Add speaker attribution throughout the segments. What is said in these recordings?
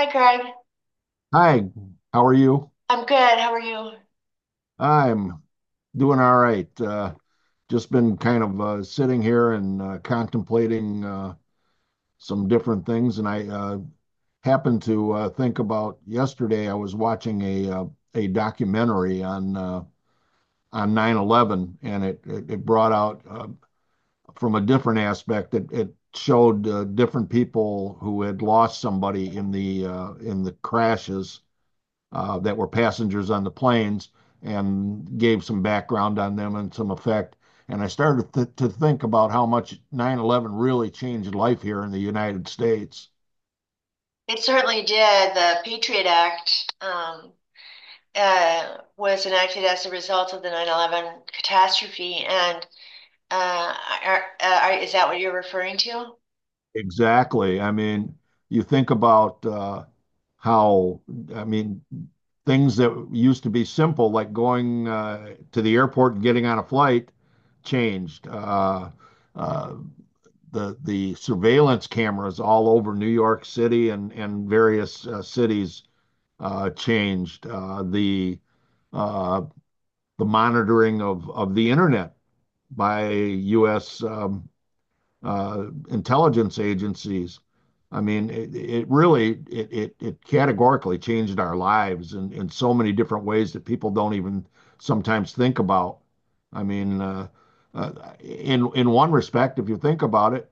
Speaker 1: Hi, Craig.
Speaker 2: Hi, how are you?
Speaker 1: I'm good. How are you?
Speaker 2: I'm doing all right. Just been kind of sitting here and contemplating some different things, and I happened to think about yesterday. I was watching a documentary on on 9/11, and it brought out from a different aspect. It showed different people who had lost somebody in the crashes that were passengers on the planes and gave some background on them and some effect. And I started to think about how much 9/11 really changed life here in the United States.
Speaker 1: It certainly did. The Patriot Act was enacted as a result of the 9/11 catastrophe, and uh, is that what you're referring to?
Speaker 2: Exactly. I mean, you think about how, I mean, things that used to be simple, like going to the airport and getting on a flight, changed. Uh, the surveillance cameras all over New York City and various cities changed. Uh, the monitoring of the internet by U.S. intelligence agencies. I mean, it really it categorically changed our lives in so many different ways that people don't even sometimes think about. I mean, uh, in one respect, if you think about it,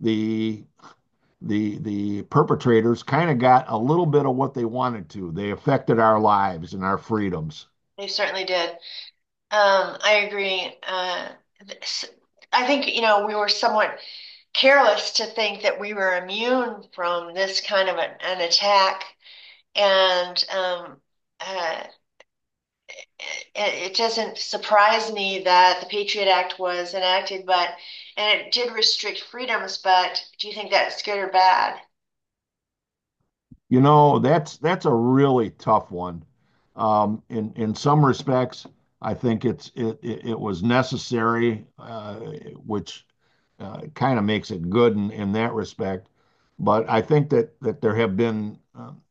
Speaker 2: the the perpetrators kind of got a little bit of what they wanted to. They affected our lives and our freedoms.
Speaker 1: They certainly did. I agree. This- I think we were somewhat careless to think that we were immune from this kind of an attack, and uh, it, doesn't surprise me that the Patriot Act was enacted, but and it did restrict freedoms, but do you think that's good or bad?
Speaker 2: You know, that's a really tough one. In some respects, I think it was necessary, which kind of makes it good in that respect. But I think that there have been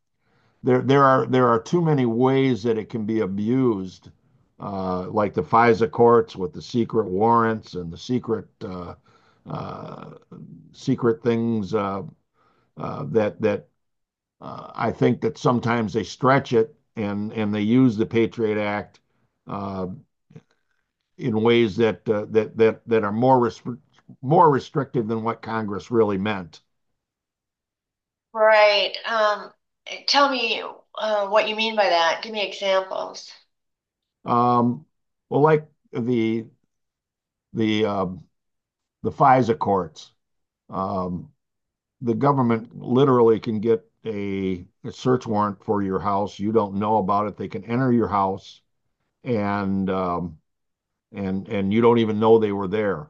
Speaker 2: there are too many ways that it can be abused, like the FISA courts with the secret warrants and the secret uh, secret things that that I think that sometimes they stretch it and they use the Patriot Act uh, in ways that that are more restrictive than what Congress really meant.
Speaker 1: Right. Tell me what you mean by that. Give me examples.
Speaker 2: Um, well, like the um the FISA courts. Um, the government literally can get a search warrant for your house. You don't know about it. They can enter your house and um, and you don't even know they were there.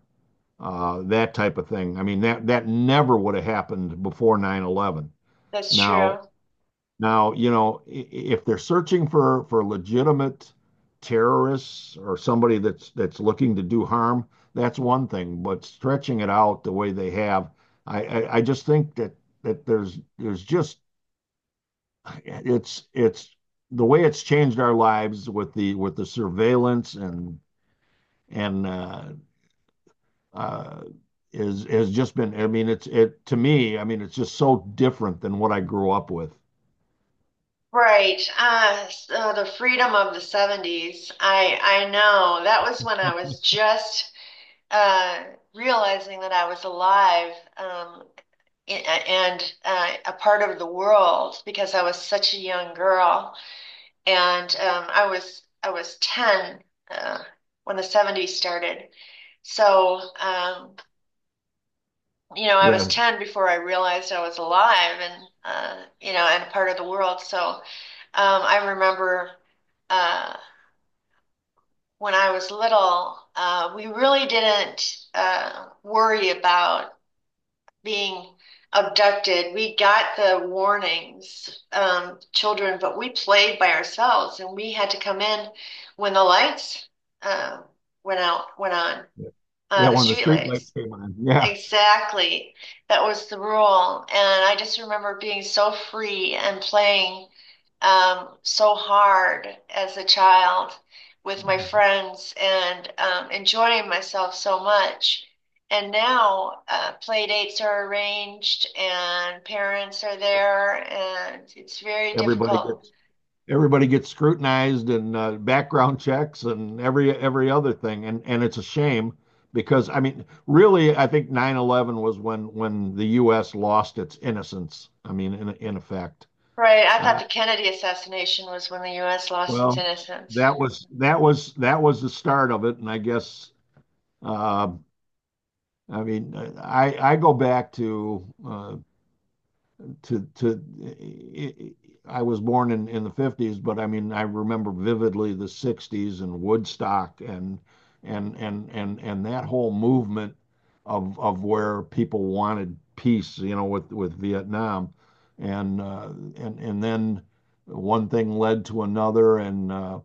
Speaker 2: That type of thing. I mean, that never would have happened before 9/11.
Speaker 1: That's true.
Speaker 2: Now, now, if they're searching for legitimate terrorists or somebody that's looking to do harm, that's one thing. But stretching it out the way they have, I just think that there's just it's the way it's changed our lives with the surveillance and uh, is has just been. I mean, it's it to me. I mean, it's just so different than what I grew up with.
Speaker 1: Right. So the freedom of the 70s. I know that was when I was just uh, realizing that I was alive. Um, and a part of the world because I was such a young girl, and I was 10 uh, when the 70s started. So, you know, I was
Speaker 2: Yes.
Speaker 1: 10 before I realized I was alive and, you know, and part of the world. I remember uh, when I was little, we really didn't worry about being abducted. We got the warnings, children, but we played by ourselves and we had to come in when the lights uh, went on,
Speaker 2: Yeah, yeah,
Speaker 1: the
Speaker 2: when the
Speaker 1: street
Speaker 2: street lights
Speaker 1: lights.
Speaker 2: came on, yeah.
Speaker 1: Exactly. That was the rule. And I just remember being so free and playing, so hard, as a child with my friends and, enjoying myself so much. And now play dates are arranged and parents are there, and it's very
Speaker 2: Everybody
Speaker 1: difficult.
Speaker 2: gets, everybody gets scrutinized and background checks and every other thing. And it's a shame because, I mean, really, I think 9/11 was when the US lost its innocence. I mean, in effect.
Speaker 1: Right. I thought
Speaker 2: Uh,
Speaker 1: the Kennedy assassination was when the U.S. lost its
Speaker 2: well,
Speaker 1: innocence.
Speaker 2: that was the start of it. And I guess, uh, I mean, I go back to to it, I was born in the 50s, but I mean I remember vividly the 60s and Woodstock and that whole movement of where people wanted peace, you know, with Vietnam, and uh, and then one thing led to another, and uh,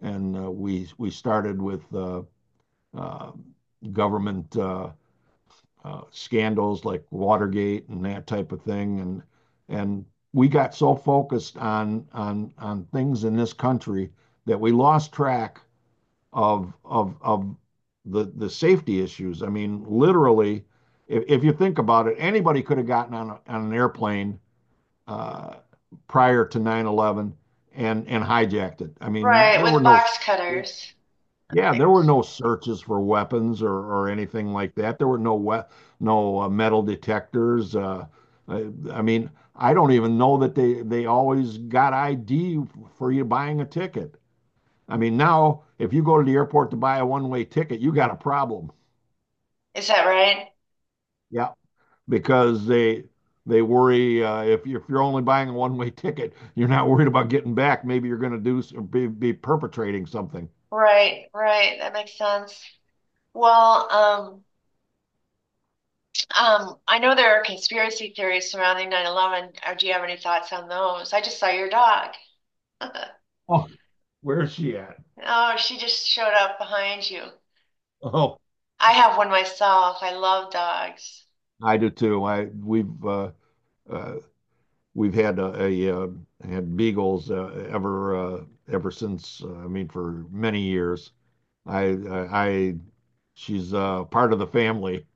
Speaker 2: and uh, we started with uh, government scandals like Watergate and that type of thing, and we got so focused on things in this country that we lost track of the safety issues. I mean, literally, if you think about it, anybody could have gotten on an airplane uh, prior to 9/11 and hijacked it. I mean,
Speaker 1: Right,
Speaker 2: there were
Speaker 1: with
Speaker 2: no
Speaker 1: box cutters.
Speaker 2: yeah, there
Speaker 1: Like,
Speaker 2: were no searches for weapons or anything like that. There were no metal detectors. I, I mean, I don't even know that they always got ID for you buying a ticket. I mean, now if you go to the airport to buy a one-way ticket, you got a problem.
Speaker 1: is that right?
Speaker 2: Yeah, because they worry if you're only buying a one-way ticket, you're not worried about getting back. Maybe you're going to be perpetrating something.
Speaker 1: Right, right. That makes sense. Well, I know there are conspiracy theories surrounding 9/11. Or do you have any thoughts on those? I just saw your dog.
Speaker 2: Oh, where's she at?
Speaker 1: Oh, she just showed up behind you.
Speaker 2: Oh.
Speaker 1: I have one myself. I love dogs.
Speaker 2: I do too. I uh, we've had a had beagles ever since. I mean, for many years. I I she's part of the family,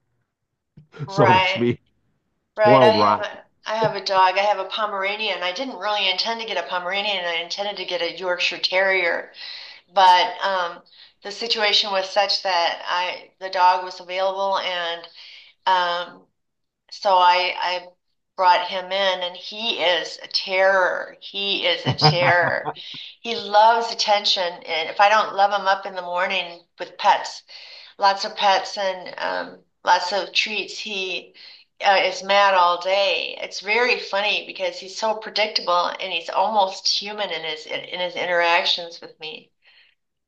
Speaker 2: so to
Speaker 1: Right,
Speaker 2: speak.
Speaker 1: right.
Speaker 2: Spoiled rotten.
Speaker 1: I have a dog. I have a Pomeranian. I didn't really intend to get a Pomeranian. I intended to get a Yorkshire Terrier, but the situation was such that I the dog was available, and um, so I brought him in, and he is a terror. He is a terror. He loves attention, and if I don't love him up in the morning with pets, lots of pets and lots of treats, he is mad all day. It's very funny because he's so predictable and he's almost human in his interactions with me.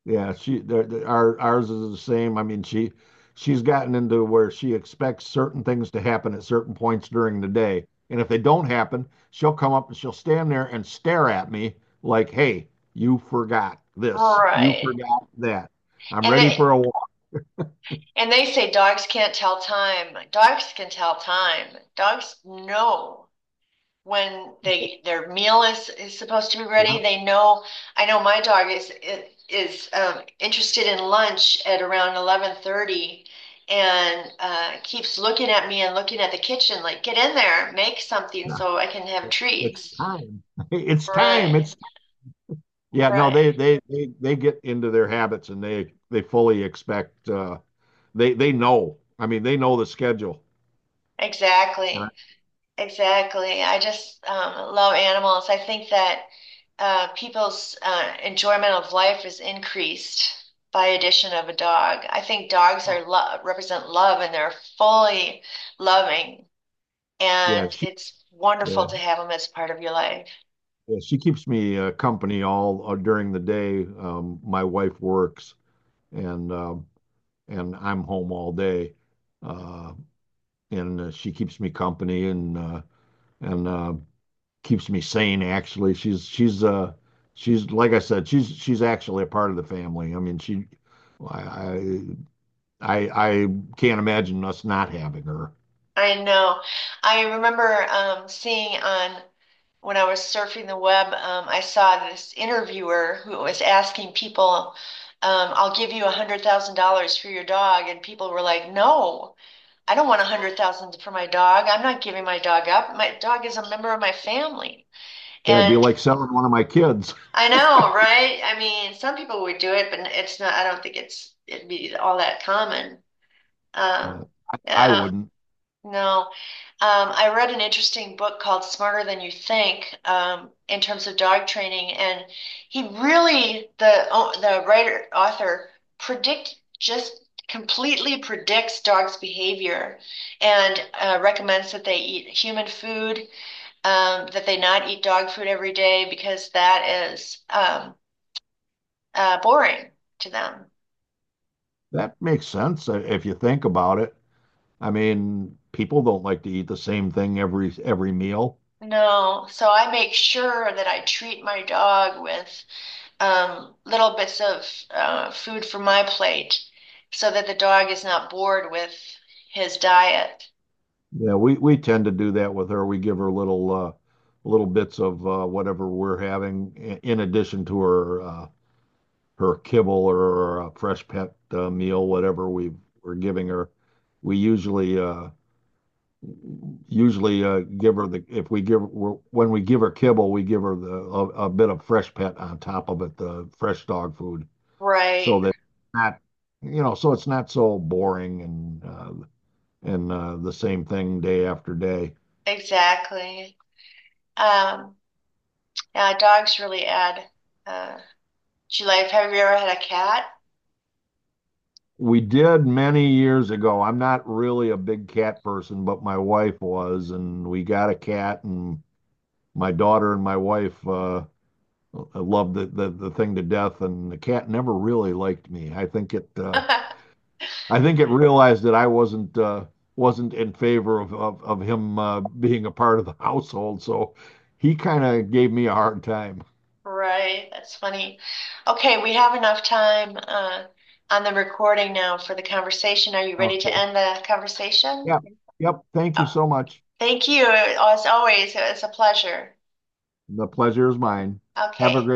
Speaker 2: Yeah, she there there- our ours is the same. I mean, she's gotten into where she expects certain things to happen at certain points during the day. And if they don't happen, she'll come up and she'll stand there and stare at me like, "Hey, you forgot this. You
Speaker 1: Right.
Speaker 2: forgot that. I'm
Speaker 1: And
Speaker 2: ready
Speaker 1: they
Speaker 2: for a walk."
Speaker 1: and they say dogs can't tell time. Dogs can tell time. Dogs know when they their meal is supposed to be
Speaker 2: Yeah,
Speaker 1: ready. They know. I know my dog is interested in lunch at around 11:30, and keeps looking at me and looking at the kitchen like, get in there, make something
Speaker 2: yeah.
Speaker 1: so I can have
Speaker 2: It's
Speaker 1: treats.
Speaker 2: time. It's time.
Speaker 1: Right,
Speaker 2: It's yeah, no,
Speaker 1: right,
Speaker 2: they get into their habits and they fully expect they know. I mean, they know the schedule. And I-
Speaker 1: exactly. Exactly. I just love animals. I think that people's enjoyment of life is increased by addition of a dog. I think dogs are love, represent love, and they're fully loving,
Speaker 2: Yeah,
Speaker 1: and it's wonderful
Speaker 2: yeah,
Speaker 1: to have them as part of your life.
Speaker 2: yeah, she keeps me company all during the day. My wife works and um, and I'm home all day. Uh, and She keeps me company and keeps me sane actually. She's like I said, she's actually a part of the family. I mean, she I I can't imagine us not having her.
Speaker 1: I know. I remember seeing on when I was surfing the web, I saw this interviewer who was asking people, I'll give you $100,000 for your dog. And people were like, No, I don't want 100,000 for my dog. I'm not giving my dog up. My dog is a member of my family.
Speaker 2: That'd be
Speaker 1: And
Speaker 2: like selling one of my kids.
Speaker 1: I know, right? I mean, some people would do it, but it's not, I don't think it's, it'd be all that common. Um,
Speaker 2: But I
Speaker 1: yeah.
Speaker 2: wouldn't.
Speaker 1: No. I read an interesting book called Smarter Than You Think, in terms of dog training, and the the writer author predict just completely predicts dogs' behavior and recommends that they eat human food, that they not eat dog food every day because that is boring to them.
Speaker 2: That makes sense if you think about it. I mean, people don't like to eat the same thing every meal.
Speaker 1: No, so I make sure that I treat my dog with little bits of food from my plate so that the dog is not bored with his diet.
Speaker 2: Yeah, we tend to do that with her. We give her little bits of whatever we're having in addition to her kibble or a fresh pet meal, whatever we're giving her. We usually give her the if we give we're, when we give her kibble, we give her a bit of fresh pet on top of it, the fresh dog food. So
Speaker 1: Right,
Speaker 2: that not, so it's not so boring and the same thing day after day.
Speaker 1: exactly. Um, yeah, dogs really add uh, to life. Have you ever had a cat?
Speaker 2: We did many years ago. I'm not really a big cat person, but my wife was, and we got a cat, and my daughter and my wife loved the thing to death, and the cat never really liked me. I think it realized that I wasn't in favor of him being a part of the household, so he kind of gave me a hard time.
Speaker 1: Right, that's funny. Okay, we have enough time on the recording now for the conversation. Are you ready to
Speaker 2: Okay,
Speaker 1: end the conversation?
Speaker 2: yeah, yep, thank you
Speaker 1: Oh,
Speaker 2: so much.
Speaker 1: thank you, as always. It's a pleasure.
Speaker 2: The pleasure is mine. Have a
Speaker 1: Okay.
Speaker 2: great